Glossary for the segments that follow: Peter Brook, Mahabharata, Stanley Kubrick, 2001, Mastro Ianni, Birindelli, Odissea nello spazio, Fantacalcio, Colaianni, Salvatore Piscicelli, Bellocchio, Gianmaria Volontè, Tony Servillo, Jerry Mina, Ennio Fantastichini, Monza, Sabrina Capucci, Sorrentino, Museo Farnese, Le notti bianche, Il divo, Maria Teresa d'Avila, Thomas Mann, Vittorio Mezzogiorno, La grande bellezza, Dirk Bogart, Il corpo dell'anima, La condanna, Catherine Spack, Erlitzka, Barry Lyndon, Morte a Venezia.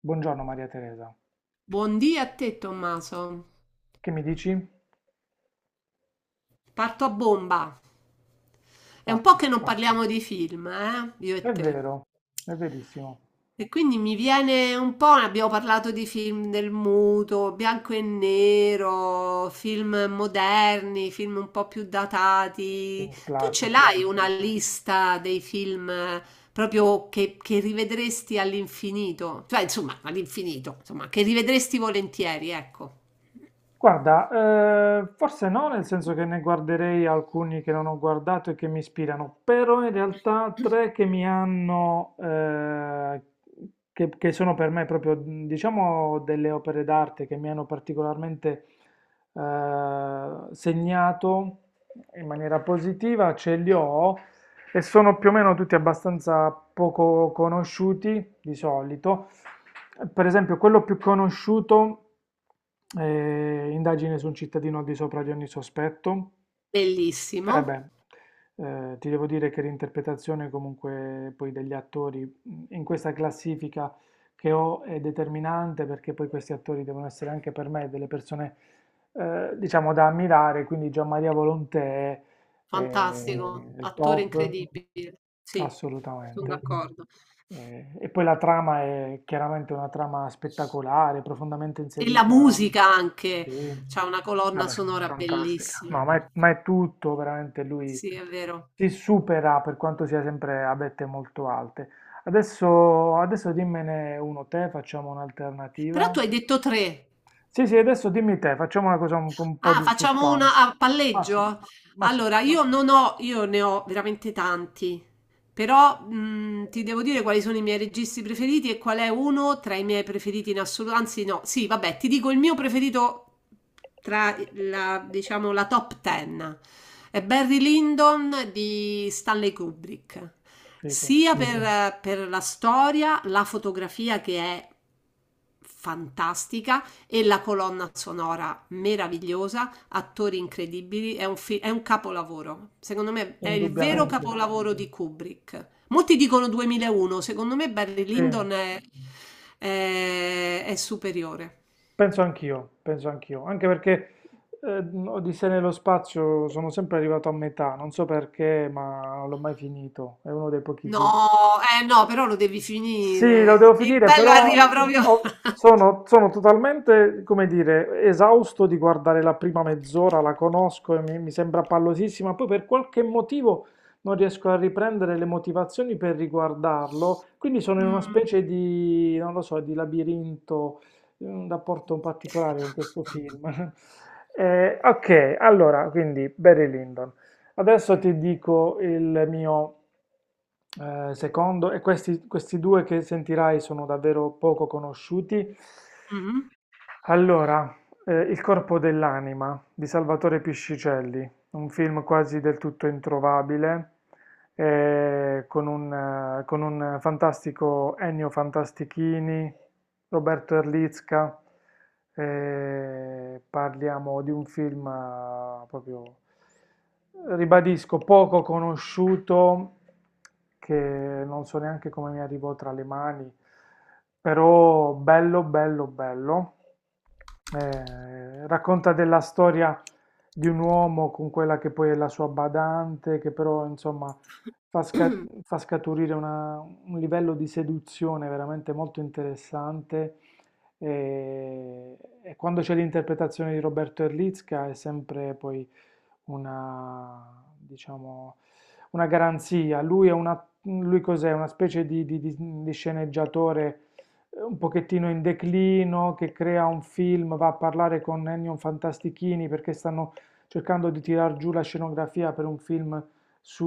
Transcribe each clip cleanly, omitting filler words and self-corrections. Buongiorno Maria Teresa, Buondì a te, Tommaso. che mi dici? Parto a bomba. È un po' Parti. che non parliamo di film, eh? Io e È te. vero, è verissimo. E quindi mi viene un po', ne abbiamo parlato di film del muto, bianco e nero, film moderni, film un po' più datati. Film Tu ce splatter. l'hai una lista dei film proprio che rivedresti all'infinito? Cioè, insomma, all'infinito, insomma, che rivedresti volentieri, ecco. Guarda, forse no, nel senso che ne guarderei alcuni che non ho guardato e che mi ispirano, però in realtà tre che mi hanno, che sono per me proprio, diciamo, delle opere d'arte che mi hanno particolarmente segnato in maniera positiva, ce li ho. E sono più o meno tutti abbastanza poco conosciuti di solito. Per esempio, quello più conosciuto indagine su un cittadino al di sopra di ogni sospetto. Eh Bellissimo. beh, ti devo dire che l'interpretazione comunque poi degli attori in questa classifica che ho è determinante perché poi questi attori devono essere anche per me delle persone diciamo da ammirare, quindi Gianmaria Volontè è Fantastico, il attore top. incredibile. Sì, son Assolutamente. d'accordo. E poi la trama è chiaramente una trama spettacolare, profondamente E la inserita. musica anche, Sì, c'ha una colonna vabbè, sonora fantastica. bellissima No, quel ma film. è tutto, veramente lui Sì, è vero. si supera per quanto sia sempre a vette molto alte. Adesso dimmene uno te, facciamo Però un'alternativa. tu hai detto 3. Sì, sì, adesso dimmi te, facciamo una cosa un po' Ah, di facciamo una suspense. a Ma sì, palleggio? ma sì, Allora, io non ho, io ne ho veramente tanti, però ti devo dire quali sono i miei registi preferiti e qual è uno tra i miei preferiti in assoluto. Anzi, no, sì, vabbè, ti dico il mio preferito tra la, diciamo, la top ten. È Barry Lyndon di Stanley Kubrick, figo, sia per, per la storia, la fotografia che è fantastica e la colonna sonora meravigliosa, attori incredibili, è un capolavoro. Secondo me è il vero indubbiamente. capolavoro di Kubrick. Molti dicono 2001, secondo me Barry Sì. Lyndon è, è superiore. Penso anch'io, anche perché eh, Odissea nello spazio sono sempre arrivato a metà, non so perché, ma non l'ho mai finito, è uno dei pochi. No, no, però lo devi Sì, lo finire. devo Il finire, bello però arriva proprio... sono totalmente, come dire, esausto di guardare la prima mezz'ora, la conosco e mi sembra pallosissima, poi per qualche motivo non riesco a riprendere le motivazioni per riguardarlo, quindi sono in una Mm. specie di, non lo so, di labirinto, in un rapporto un particolare con questo film. Ok, allora, quindi Barry Lyndon. Adesso ti dico il mio. Secondo, e questi, questi due che sentirai sono davvero poco conosciuti. Allora, Il corpo dell'anima di Salvatore Piscicelli, un film quasi del tutto introvabile, con un fantastico Ennio Fantastichini. Roberto Erlicka, parliamo di un film proprio, ribadisco, poco conosciuto, che non so neanche come mi arrivò tra le mani, però bello, bello, bello. Racconta della storia di un uomo con quella che poi è la sua badante, che però insomma fa, Mhm. fa scaturire una, un livello di seduzione veramente molto interessante e, e quando c'è l'interpretazione di Roberto Erlitzka è sempre poi una, diciamo, una garanzia. Lui è una, lui cos'è? Una specie di, di sceneggiatore un pochettino in declino che crea un film, va a parlare con Ennio Fantastichini perché stanno cercando di tirar giù la scenografia per un film su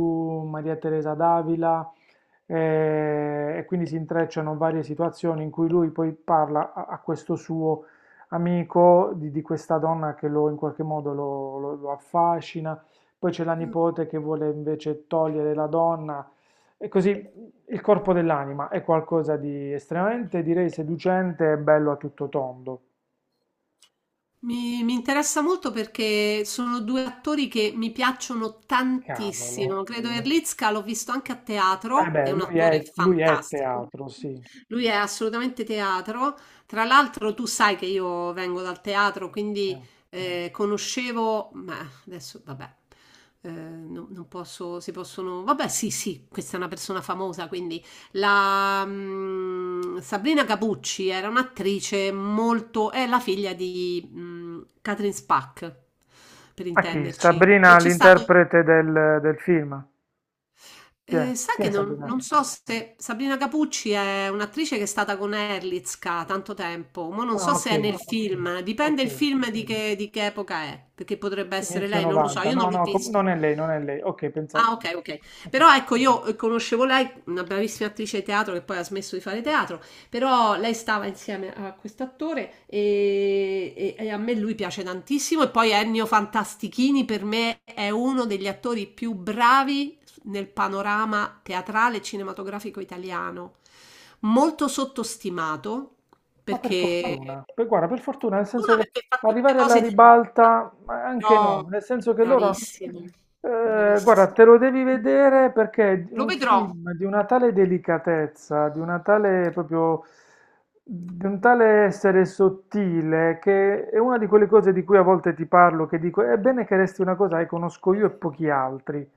Maria Teresa d'Avila e quindi si intrecciano varie situazioni in cui lui poi parla a, a questo suo amico di questa donna che lo, in qualche modo lo, lo affascina, poi c'è la nipote che vuole invece togliere la donna, e così il corpo dell'anima è qualcosa di estremamente, direi, seducente e bello a tutto tondo. Mi interessa molto perché sono due attori che mi piacciono Cavolo. tantissimo. Credo Erlicka l'ho visto anche a Eh teatro, è beh, un attore lui è fantastico. teatro, sì. Lui è assolutamente teatro. Tra l'altro, tu sai che io vengo dal teatro, Sì. quindi conoscevo, ma adesso vabbè, non posso, si possono, vabbè, sì, sì, questa è una persona famosa, quindi Sabrina Capucci era un'attrice molto... è la figlia di Catherine Spack, per A chi? intenderci, che Sabrina, c'è stato... l'interprete del, del film. Chi è? Sai Chi è che Sabrina? non so se Sabrina Capucci è un'attrice che è stata con Erlitzka tanto tempo, ma non so Ah, ok, se è nel film, dipende ok. il film di di che epoca è, perché potrebbe essere Inizio lei, non lo so, 90. io non No, l'ho no, visto. non è lei, non è lei. Ok, pensavo. Ah, ok, ok. Ok. Però ecco, io conoscevo lei, una bravissima attrice di teatro che poi ha smesso di fare teatro, però lei stava insieme a quest'attore e a me lui piace tantissimo. E poi Ennio Fantastichini per me è uno degli attori più bravi nel panorama teatrale e cinematografico italiano. Molto sottostimato Ma per perché... fortuna, poi, guarda, per fortuna, nel senso Una che perché fa tutte arrivare alla cose di... ribalta, ma No, anche no, nel senso che loro, bravissimo. Guarda, te lo devi vedere perché è Lo un vedrò. film di una tale delicatezza, di una tale proprio, di un tale essere sottile, che è una di quelle cose di cui a volte ti parlo, che dico, è bene che resti una cosa che conosco io e pochi altri.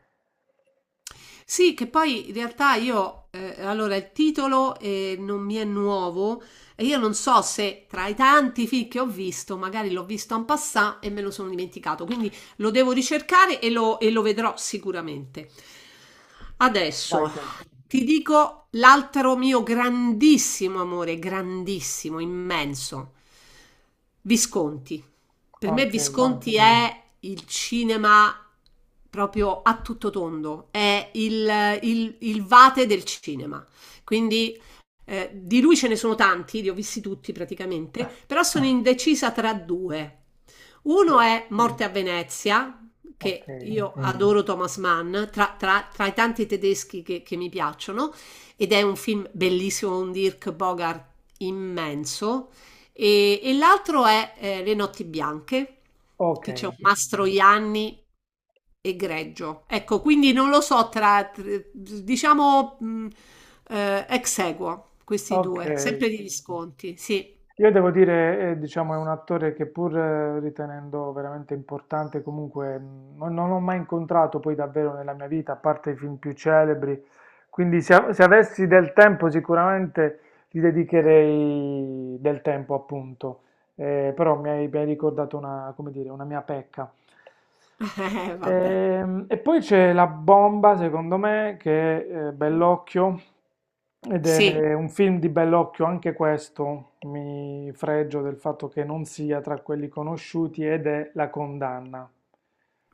Sì, che poi in realtà io, allora il titolo non mi è nuovo e io non so se tra i tanti film che ho visto, magari l'ho visto en passant e me lo sono dimenticato, quindi lo devo ricercare e lo vedrò sicuramente. Vai Adesso te. ti dico l'altro mio grandissimo amore, grandissimo, immenso, Visconti. Per me Ok, Visconti oh, è il cinema proprio a tutto tondo, è il vate del cinema. Quindi di lui ce ne sono tanti, li ho visti tutti praticamente, però sono indecisa tra due. Uno sì, è Morte a Venezia, ok, che io adoro Thomas Mann, tra i tanti tedeschi che mi piacciono, ed è un film bellissimo, un Dirk Bogart immenso. E l'altro è Le notti bianche, ok, che c'è un Mastro Ianni egregio. Ecco, quindi non lo so diciamo ex aequo, questi ok. due, sempre degli sconti, sì. Io devo dire, diciamo, è un attore che pur ritenendo veramente importante, comunque non, non l'ho mai incontrato poi davvero nella mia vita, a parte i film più celebri. Quindi se, se avessi del tempo sicuramente gli dedicherei del tempo, appunto. Però mi hai ricordato una, come dire, una mia pecca. Vabbè, E, poi c'è la bomba, secondo me, che è Bellocchio, ed sì, è un film di Bellocchio, anche questo, mi fregio del fatto che non sia tra quelli conosciuti, ed è La condanna,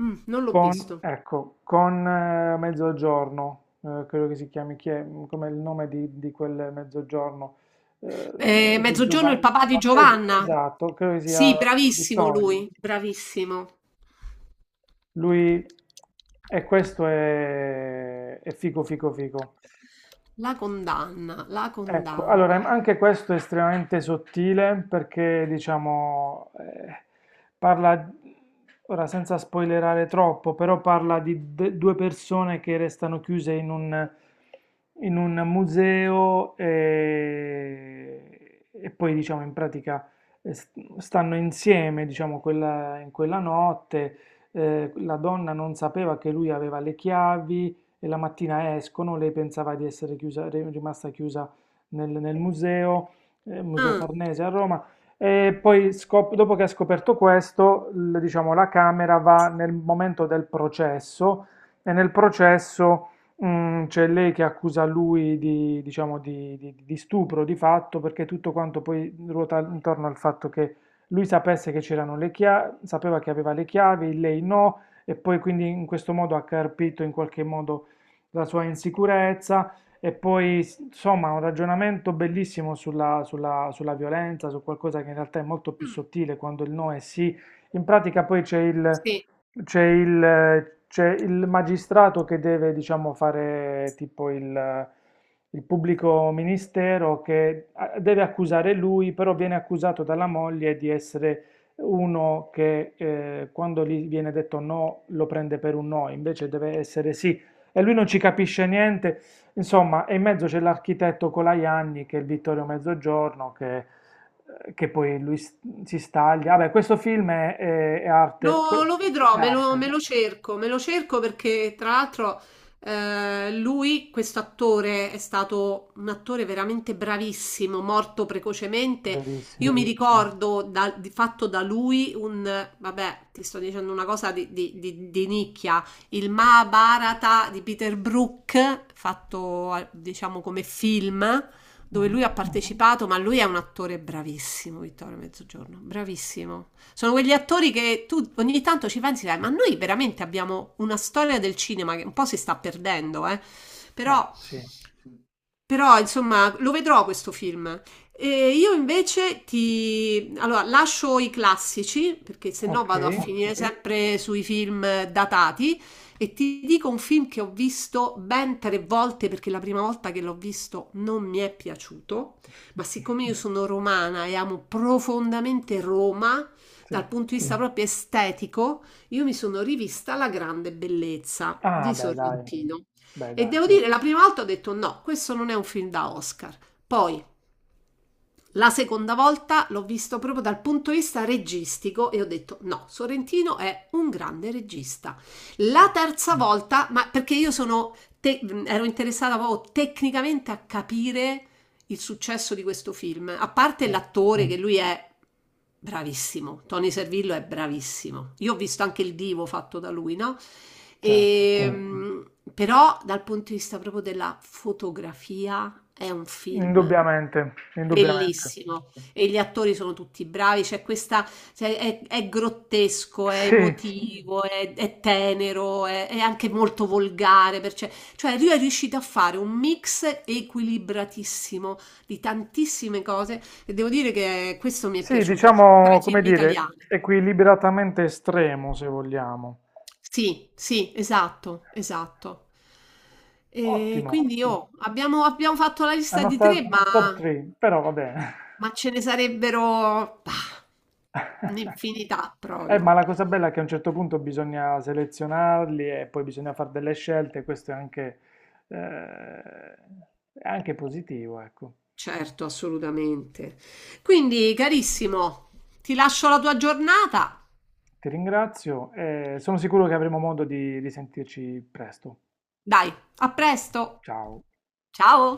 Mm, non l'ho con, visto. ecco, con Mezzogiorno, credo che si chiami, chi è, come il nome di quel Mezzogiorno, non so se Mezzogiorno, il Giovanni, papà di Giovanna. esatto, credo che sia Sì, bravissimo Vittorio. lui, bravissimo. Lui... E questo è figo figo figo. La condanna, la Ecco, condanna. allora anche questo è estremamente sottile perché diciamo parla, ora senza spoilerare troppo, però parla di due persone che restano chiuse in un museo e poi diciamo in pratica eh, s- stanno insieme diciamo in quella notte, la donna non sapeva che lui aveva le chiavi e la mattina escono, lei pensava di essere chiusa, rimasta chiusa nel, nel museo, Museo Ah, Farnese a Roma. E poi, dopo che ha scoperto questo, diciamo, la Camera va nel momento del processo e nel processo c'è lei che accusa lui di, diciamo, di, di stupro di fatto perché tutto quanto poi ruota intorno al fatto che lui sapesse che c'erano le chiavi, sapeva che aveva le chiavi, lei no, e poi quindi in questo modo ha carpito in qualche modo la sua insicurezza e poi, insomma, un ragionamento bellissimo sulla, sulla violenza, su qualcosa che in realtà è molto più mm, sottile quando il no è sì. In pratica poi c'è il, sì. c'è il, c'è il magistrato che deve, diciamo, fare tipo il pubblico ministero che deve accusare lui, però viene accusato dalla moglie di essere uno che quando gli viene detto no lo prende per un no, invece deve essere sì. E lui non ci capisce niente. Insomma, e in mezzo c'è l'architetto Colaianni, che è il Vittorio Mezzogiorno, che poi lui si staglia. Vabbè, questo film è, Lo vedrò, è arte, me lo cerco perché tra l'altro lui, questo attore, è stato un attore veramente bravissimo, morto precocemente. Io verissimo. mi ricordo da- di fatto da lui un, vabbè, ti sto dicendo una cosa di nicchia, il Mahabharata di Peter Brook, fatto diciamo come film, dove lui Mhm. ha partecipato, ma lui è un attore bravissimo, Vittorio Mezzogiorno, bravissimo. Sono quegli attori che tu ogni tanto ci pensi, dai, ma noi veramente abbiamo una storia del cinema che un po' si sta perdendo, eh? Però Bah, sì, insomma, lo vedrò questo film. E io invece ti... Allora, lascio i classici, perché se no ok. vado a finire sempre sui film datati, e ti dico un film che ho visto ben tre volte, perché la prima volta che l'ho visto non mi è piaciuto, ma siccome io sono romana e amo profondamente Roma, Sì. dal punto di vista proprio estetico, io mi sono rivista La grande bellezza Ah, di Sorrentino. beh, E dai, devo dire, la prima volta ho detto no, questo non è un film da Oscar. Poi, la seconda volta l'ho visto proprio dal punto di vista registico e ho detto no, Sorrentino è un grande regista. sì, La terza volta, ma perché ero interessata proprio tecnicamente a capire il successo di questo film, a parte sì, l'attore che lui è bravissimo, Tony Servillo è bravissimo. Io ho visto anche il divo fatto da lui, no? certo. E, mm. Però dal punto di vista proprio della fotografia è un film Indubbiamente, indubbiamente. bellissimo. E gli attori sono tutti bravi, c'è questa, cioè, è grottesco, è Sì, emotivo, è tenero, è anche molto volgare, perché, cioè lui è riuscito a fare un mix equilibratissimo di tantissime cose e devo dire che questo mi è sì, piaciuto tra diciamo, i come film dire, italiani. equilibratamente estremo, se vogliamo. Sì, sì, esatto, esatto. E Ottimo. quindi abbiamo fatto la lista Hanno di tre, stato ma top 3, però va bene. Ma ce ne sarebbero bah, un'infinità ma proprio. la cosa bella è che a un certo punto bisogna selezionarli e poi bisogna fare delle scelte, questo eh, è anche positivo, ecco. Certo, assolutamente. Quindi, carissimo, ti lascio la tua giornata. Ti ringrazio e sono sicuro che avremo modo di risentirci presto. Dai, a presto. Ciao. Ciao.